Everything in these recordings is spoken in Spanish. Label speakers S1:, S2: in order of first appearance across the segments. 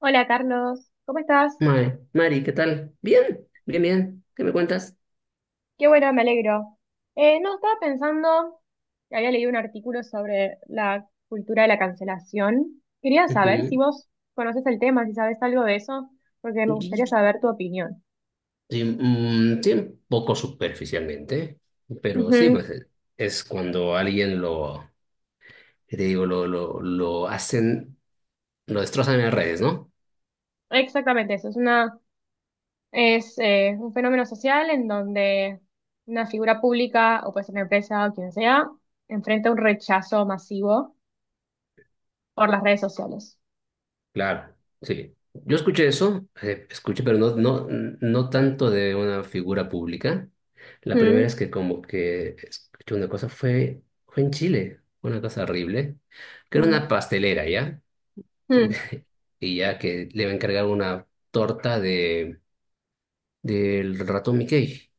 S1: Hola Carlos, ¿cómo estás?
S2: Mari, Mari, ¿qué tal? Bien, bien, bien. ¿Qué me cuentas?
S1: Qué bueno, me alegro. No, Estaba pensando que había leído un artículo sobre la cultura de la cancelación. Quería saber si
S2: Ujú.
S1: vos conoces el tema, si sabes algo de eso, porque me
S2: Y-
S1: gustaría saber tu opinión.
S2: Sí, sí, un poco superficialmente, pero sí,
S1: Ujú.
S2: pues es cuando alguien lo, ¿qué te digo, lo hacen, lo destrozan en las redes, ¿no?
S1: Exactamente, eso es un fenómeno social en donde una figura pública o puede ser una empresa o quien sea, enfrenta un rechazo masivo por las redes sociales.
S2: Claro, sí. Yo escuché eso, escuché, pero no, no, no tanto de una figura pública. La primera
S1: Mm,
S2: es que como que escuché una cosa fue, fue en Chile, una cosa horrible, que era
S1: mm,
S2: una pastelera, ¿ya?
S1: mm.
S2: Y ya que le va a encargar una torta de del ratón Mickey,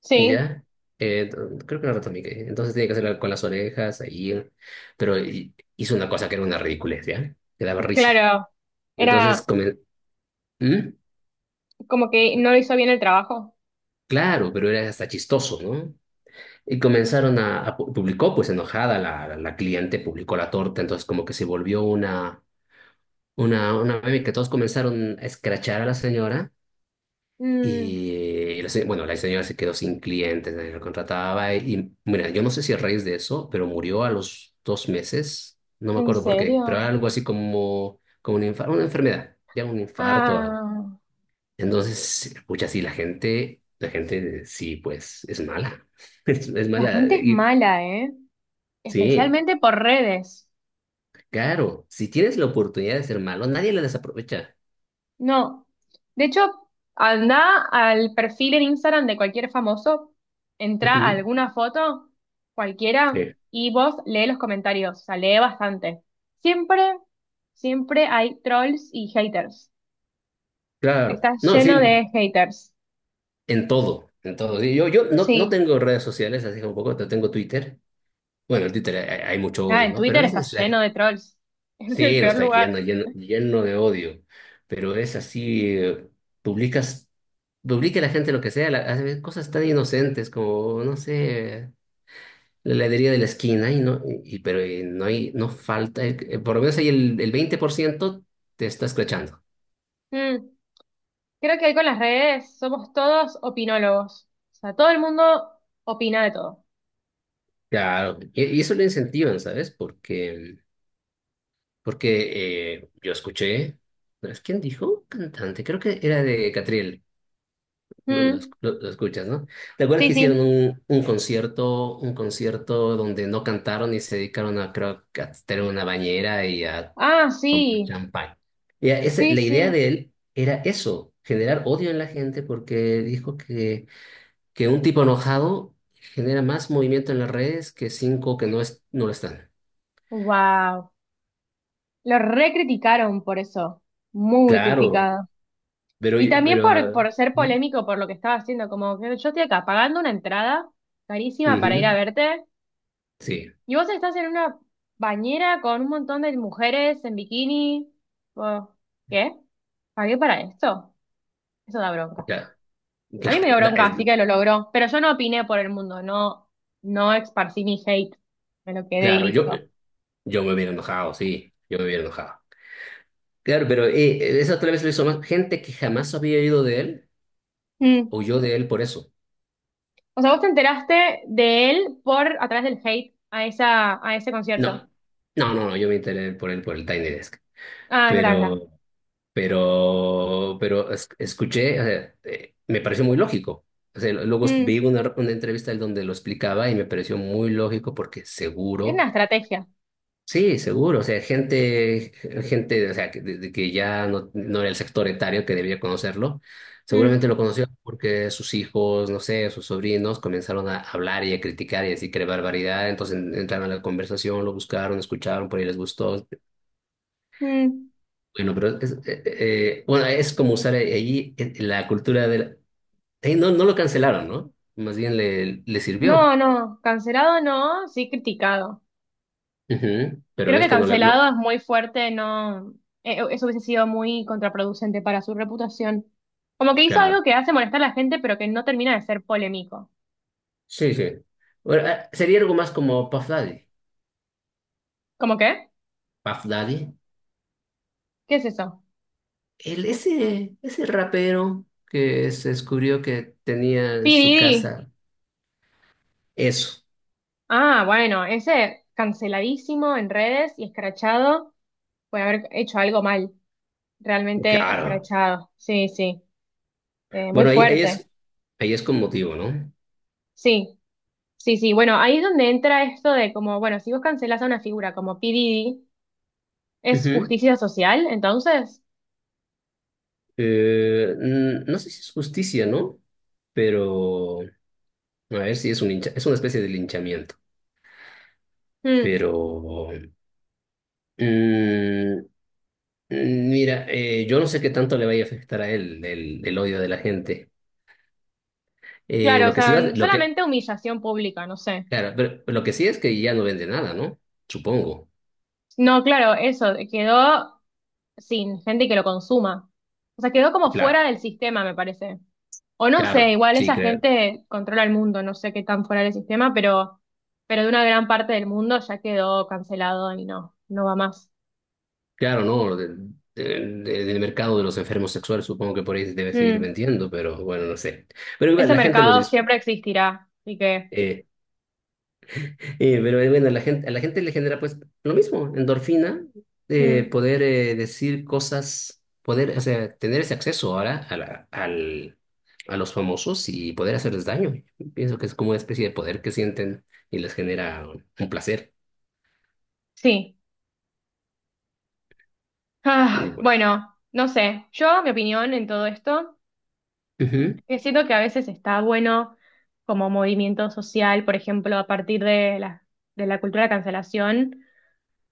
S1: Sí.
S2: ¿ya? Creo que no era el ratón Mickey. Entonces tiene que hacerla con las orejas ahí, pero hizo una cosa que era una ridiculez, ¿ya? Que daba risa.
S1: Claro, era
S2: Entonces, comen-. ¿Mm?
S1: como que no hizo bien el trabajo.
S2: Claro, pero era hasta chistoso, ¿no? Y comenzaron a, publicó, pues enojada la cliente, publicó la torta, entonces como que se volvió una, una meme que todos comenzaron a escrachar a la señora.
S1: Mm.
S2: Y la bueno, la señora se quedó sin clientes, nadie la contrataba. Mira, yo no sé si a raíz de eso, pero murió a los 2 meses, no me
S1: ¿En
S2: acuerdo por qué, pero
S1: serio?
S2: algo así como un una enfermedad, ya un infarto o algo.
S1: Ah,
S2: Entonces, escucha, sí, la gente sí, pues es mala, es
S1: la
S2: mala.
S1: gente es
S2: Y
S1: mala, ¿eh?
S2: sí,
S1: Especialmente por redes.
S2: claro, si tienes la oportunidad de ser malo, nadie la desaprovecha.
S1: No, de hecho, anda al perfil en Instagram de cualquier famoso, entra a
S2: Ujú.
S1: alguna foto, cualquiera,
S2: Sí,
S1: y vos lee los comentarios, o sea, lee bastante. Siempre, siempre hay trolls y haters.
S2: claro.
S1: Está
S2: No,
S1: lleno
S2: sí,
S1: de haters.
S2: en todo, en todo. Sí, Yo no
S1: Sí.
S2: tengo redes sociales, así como poco, no tengo Twitter. Bueno, en Twitter hay mucho
S1: Ah,
S2: odio,
S1: en
S2: ¿no? Pero a
S1: Twitter está
S2: veces
S1: lleno de trolls. Es el
S2: sí, no
S1: peor
S2: está
S1: lugar.
S2: lleno, lleno, lleno de odio. Pero es así, publicas, publica la gente lo que sea, hace cosas tan inocentes como, no sé, la heladería de la esquina, y no, pero no hay, no falta, por lo menos ahí el 20% te está escrachando.
S1: Mm. Creo que hoy con las redes somos todos opinólogos. O sea, todo el mundo opina de todo.
S2: Claro, y eso lo incentivan, ¿sabes? Porque... porque yo escuché, ¿no es quién dijo? Cantante, creo que era de Catriel, lo, lo
S1: Mm.
S2: esc- lo- lo escuchas, ¿no? ¿Te acuerdas
S1: Sí,
S2: que hicieron
S1: sí.
S2: un, un concierto donde no cantaron y se dedicaron a, creo, que a estar una bañera y a
S1: Ah,
S2: tomar
S1: sí.
S2: champán? Y a
S1: Sí,
S2: la idea
S1: sí.
S2: de él era eso, generar odio en la gente porque dijo que un tipo enojado genera más movimiento en las redes que cinco que no, no lo están.
S1: Wow. Lo recriticaron por eso. Muy
S2: Claro,
S1: criticado.
S2: pero...
S1: Y también por, por ser
S2: ¿Mm?
S1: polémico por lo que estaba haciendo. Como que yo estoy acá pagando una entrada carísima para ir a
S2: Ujú.
S1: verte.
S2: Sí,
S1: Y vos estás en una bañera con un montón de mujeres en bikini. Oh, ¿qué? ¿Pagué para esto? Eso da bronca.
S2: claro,
S1: A mí me
S2: claro,
S1: dio bronca, así que lo logró. Pero yo no opiné por el mundo, no, no esparcí mi hate. Me lo quedé y
S2: claro, yo,
S1: listo.
S2: yo me hubiera enojado, sí, yo me hubiera enojado. Claro, pero esa otra vez lo hizo más gente que jamás había ido de él,
S1: Mm.
S2: o yo de él por eso.
S1: O sea, vos te enteraste de él por a través del hate a ese concierto.
S2: No, no, no, no, yo me enteré por él por el Tiny Desk.
S1: Ah, es verdad, es verdad.
S2: Pero, escuché, o sea, me pareció muy lógico. O sea, luego
S1: Mm.
S2: vi una entrevista en donde lo explicaba y me pareció muy lógico porque
S1: Es una
S2: seguro.
S1: estrategia.
S2: Sí, seguro, o sea, gente, o sea, que, de que ya no era el sector etario que debía conocerlo,
S1: Mm,
S2: seguramente lo conoció porque sus hijos, no sé, sus sobrinos comenzaron a hablar y a criticar y a decir que era barbaridad, entonces entraron a la conversación, lo buscaron, escucharon, por ahí les gustó.
S1: mm.
S2: Bueno, pero bueno, es como usar allí la cultura del... ahí no lo cancelaron, ¿no? Más bien le sirvió.
S1: No, no, cancelado no, sí criticado.
S2: Ujú. Pero
S1: Creo
S2: ves
S1: que
S2: que no le... No,
S1: cancelado es muy fuerte, no, eso hubiese sido muy contraproducente para su reputación. Como que hizo algo
S2: claro,
S1: que hace molestar a la gente, pero que no termina de ser polémico.
S2: sí, sí. Bueno, sería algo más como Puff Daddy.
S1: ¿Cómo qué?
S2: Puff Daddy,
S1: ¿Qué es eso?
S2: ese rapero que se descubrió que tenía en su
S1: Piridi.
S2: casa eso,
S1: Ah, bueno, ese canceladísimo en redes y escrachado por haber hecho algo mal. Realmente
S2: claro.
S1: escrachado. Sí, sí. Muy
S2: Bueno, ahí,
S1: fuerte.
S2: ahí es con motivo, ¿no?
S1: Sí, sí, sí. Bueno, ahí es donde entra esto de como, bueno, si vos cancelás a una figura como P. Diddy, ¿es
S2: Ujú.
S1: justicia social entonces?
S2: No sé si es justicia, ¿no? Pero, a ver si es un es una especie de linchamiento.
S1: Mm.
S2: Pero, mm, mira, yo no sé qué tanto le vaya a afectar a él el odio de la gente.
S1: Claro, o
S2: Lo que sí
S1: sea,
S2: va,
S1: solamente humillación pública, no sé.
S2: claro, pero lo que sí es que ya no vende nada, ¿no? Supongo.
S1: No, claro, eso, quedó sin gente que lo consuma. O sea, quedó como fuera
S2: Claro,
S1: del sistema, me parece. O no sé,
S2: claro,
S1: igual
S2: sí,
S1: esa
S2: creo.
S1: gente controla el mundo, no sé qué tan fuera del sistema, pero de una gran parte del mundo ya quedó cancelado y no, no va más.
S2: Claro, no, de- del mercado de los enfermos sexuales supongo que por ahí debe seguir
S1: Mm.
S2: vendiendo, pero bueno, no sé. Pero igual,
S1: Ese
S2: la gente lo
S1: mercado
S2: dice.
S1: siempre existirá, así que
S2: Eh, pero bueno, la gente, a la gente le genera pues lo mismo, endorfina,
S1: mm,
S2: poder decir cosas, poder, o sea, tener ese acceso ahora a los famosos y poder hacerles daño. Pienso que es como una especie de poder que sienten y les genera un placer.
S1: sí.
S2: Sí,
S1: Ah,
S2: pues.
S1: bueno, no sé, yo mi opinión en todo esto.
S2: Ujú.
S1: Que siento que a veces está bueno como movimiento social, por ejemplo, a partir de la cultura de cancelación,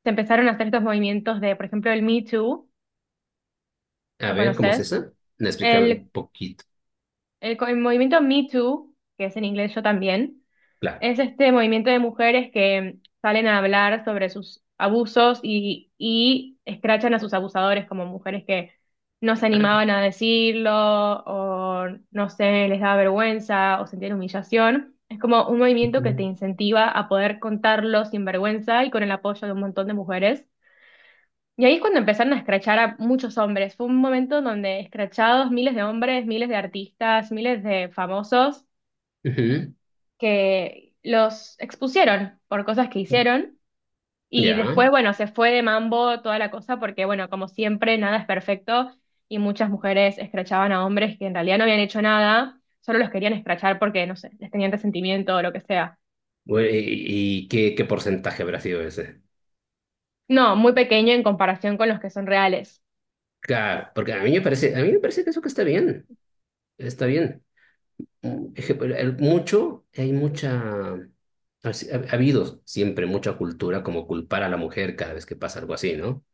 S1: se empezaron a hacer estos movimientos de, por ejemplo, el Me Too,
S2: A
S1: ¿lo
S2: ver, ¿cómo es
S1: conoces?
S2: esa? No, explícame
S1: El,
S2: un poquito.
S1: el movimiento Me Too, que es en inglés yo también.
S2: Claro.
S1: Es este movimiento de mujeres que salen a hablar sobre sus abusos y escrachan a sus abusadores como mujeres que no se
S2: Ah,
S1: animaban a decirlo o no sé, les daba vergüenza o sentían humillación. Es como un movimiento que te
S2: ujú,
S1: incentiva a poder contarlo sin vergüenza y con el apoyo de un montón de mujeres. Y ahí es cuando empezaron a escrachar a muchos hombres. Fue un momento donde escrachados miles de hombres, miles de artistas, miles de famosos
S2: ujú.
S1: que los expusieron por cosas que hicieron y
S2: Ya.
S1: después, bueno, se fue de mambo toda la cosa porque, bueno, como siempre, nada es perfecto y muchas mujeres escrachaban a hombres que en realidad no habían hecho nada, solo los querían escrachar porque, no sé, les tenían resentimiento o lo que sea.
S2: Bueno, ¿y qué, qué porcentaje habrá sido ese?
S1: No, muy pequeño en comparación con los que son reales.
S2: Claro, porque a mí me parece, a mí me parece que eso que está bien. Está bien. Mm. Mucho, hay mucha. Ha si- ha- ha habido siempre mucha cultura como culpar a la mujer cada vez que pasa algo así, ¿no?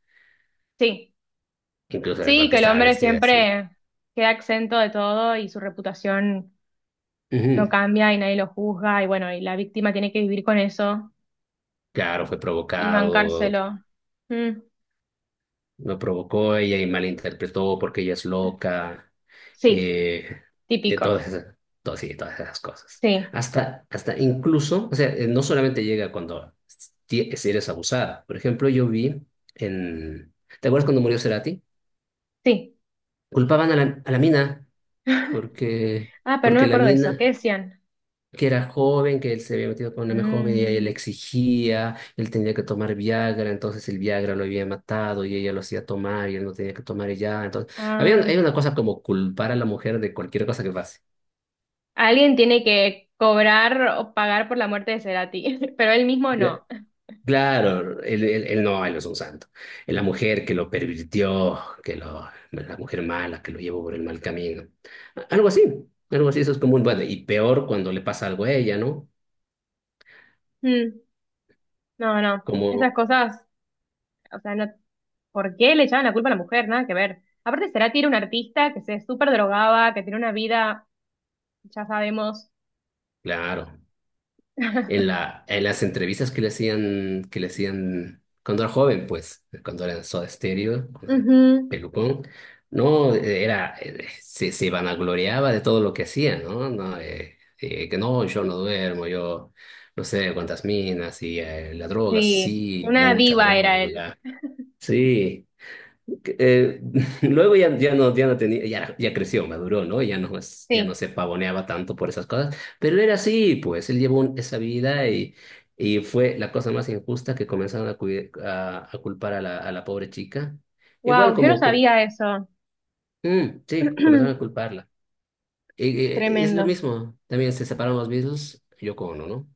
S1: Sí,
S2: Incluso el
S1: sí,
S2: parque
S1: que el
S2: estaba
S1: hombre
S2: vestida así.
S1: siempre queda exento de todo y su reputación no
S2: Ujú.
S1: cambia y nadie lo juzga y bueno, y la víctima tiene que vivir con eso
S2: Claro, fue
S1: y
S2: provocado.
S1: bancárselo. Mm.
S2: Lo provocó ella y malinterpretó porque ella es loca,
S1: Sí,
S2: eh, de
S1: típico.
S2: todas esas, sí, de todas esas cosas.
S1: Sí,
S2: Hasta, hasta incluso, o sea, no solamente llega cuando si eres abusada. Por ejemplo, yo vi en... ¿Te acuerdas cuando murió Cerati?
S1: sí.
S2: Culpaban a la mina porque,
S1: Ah, pero no
S2: porque
S1: me
S2: la
S1: acuerdo de eso. ¿Qué
S2: mina
S1: decían?
S2: que era joven, que él se había metido con una joven y ella
S1: Mm,
S2: le exigía, él tenía que tomar Viagra, entonces el Viagra lo había matado y ella lo hacía tomar y él no tenía que tomar y ya. Entonces, había, hay
S1: ah.
S2: una cosa como culpar a la mujer de cualquier cosa que pase.
S1: Alguien tiene que cobrar o pagar por la muerte de Cerati, pero él mismo
S2: Cla-
S1: no.
S2: Claro, él no, él no es un santo. Es la mujer que lo pervirtió, que lo, la mujer mala que lo llevó por el mal camino. A- Algo así, algo así, eso es común. Bueno, y peor cuando le pasa algo a ella, ¿no?
S1: Mm, no, no.
S2: Como,
S1: Esas cosas, o sea, no, ¿por qué le echaban la culpa a la mujer? Nada que ver. Aparte, Cerati era un artista que se súper drogaba, que tenía una vida, ya sabemos.
S2: claro. En la, en las entrevistas que le hacían cuando era joven, pues, cuando era en Soda Stereo, cuando era
S1: Ujú.
S2: pelucón, no. Era, se vanagloriaba de todo lo que hacía, ¿no? No, que no, yo no duermo, yo no sé cuántas minas y la droga,
S1: Sí,
S2: sí,
S1: una
S2: mucha
S1: diva era él.
S2: droga, sí. Eh, luego ya, ya no tenía, ya creció, maduró, ¿no? Ya no, ya no
S1: Sí.
S2: se pavoneaba tanto por esas cosas, pero era así, pues, él llevó esa vida y fue la cosa más injusta que comenzaron a, a culpar a la pobre chica. Igual
S1: Wow, yo no
S2: como,
S1: sabía eso.
S2: sí, comenzaron a culparla. Y es lo
S1: Tremendo.
S2: mismo, también se separaron los mismos, yo con uno, ¿no?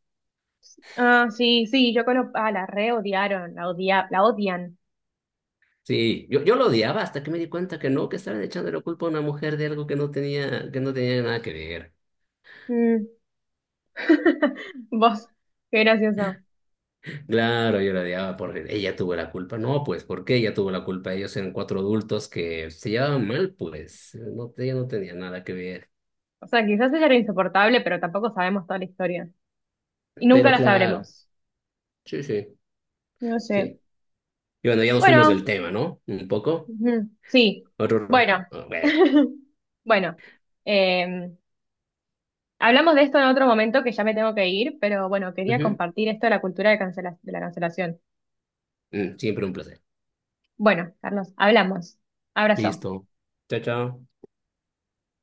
S1: Ah, sí, sí, yo conozco. Ah, la re odiaron, la odia, la odian.
S2: Sí, yo lo odiaba hasta que me di cuenta que no, que estaban echando la culpa a una mujer de algo que no tenía nada que ver.
S1: Mm. Vos, qué gracioso.
S2: Claro, yo la odiaba por ella tuvo la culpa. No, pues, ¿por qué ella tuvo la culpa? Ellos eran cuatro adultos que se llevaban mal, pues. No, ella no tenía nada que ver.
S1: O sea, quizás ella era insoportable, pero tampoco sabemos toda la historia. Y nunca
S2: Pero
S1: la
S2: claro,
S1: sabremos.
S2: sí, sí,
S1: No sé.
S2: sí. Y bueno, ya nos fuimos del
S1: Bueno,
S2: tema, ¿no? Un poco.
S1: ujú, sí.
S2: Otro.
S1: Bueno.
S2: Bueno.
S1: Bueno. eh, Hablamos de esto en otro momento que ya me tengo que ir, pero bueno, quería
S2: Ujú.
S1: compartir esto de la cultura de la cancelación.
S2: Siempre un placer.
S1: Bueno, Carlos, hablamos. Abrazo.
S2: Listo. Chao, chao.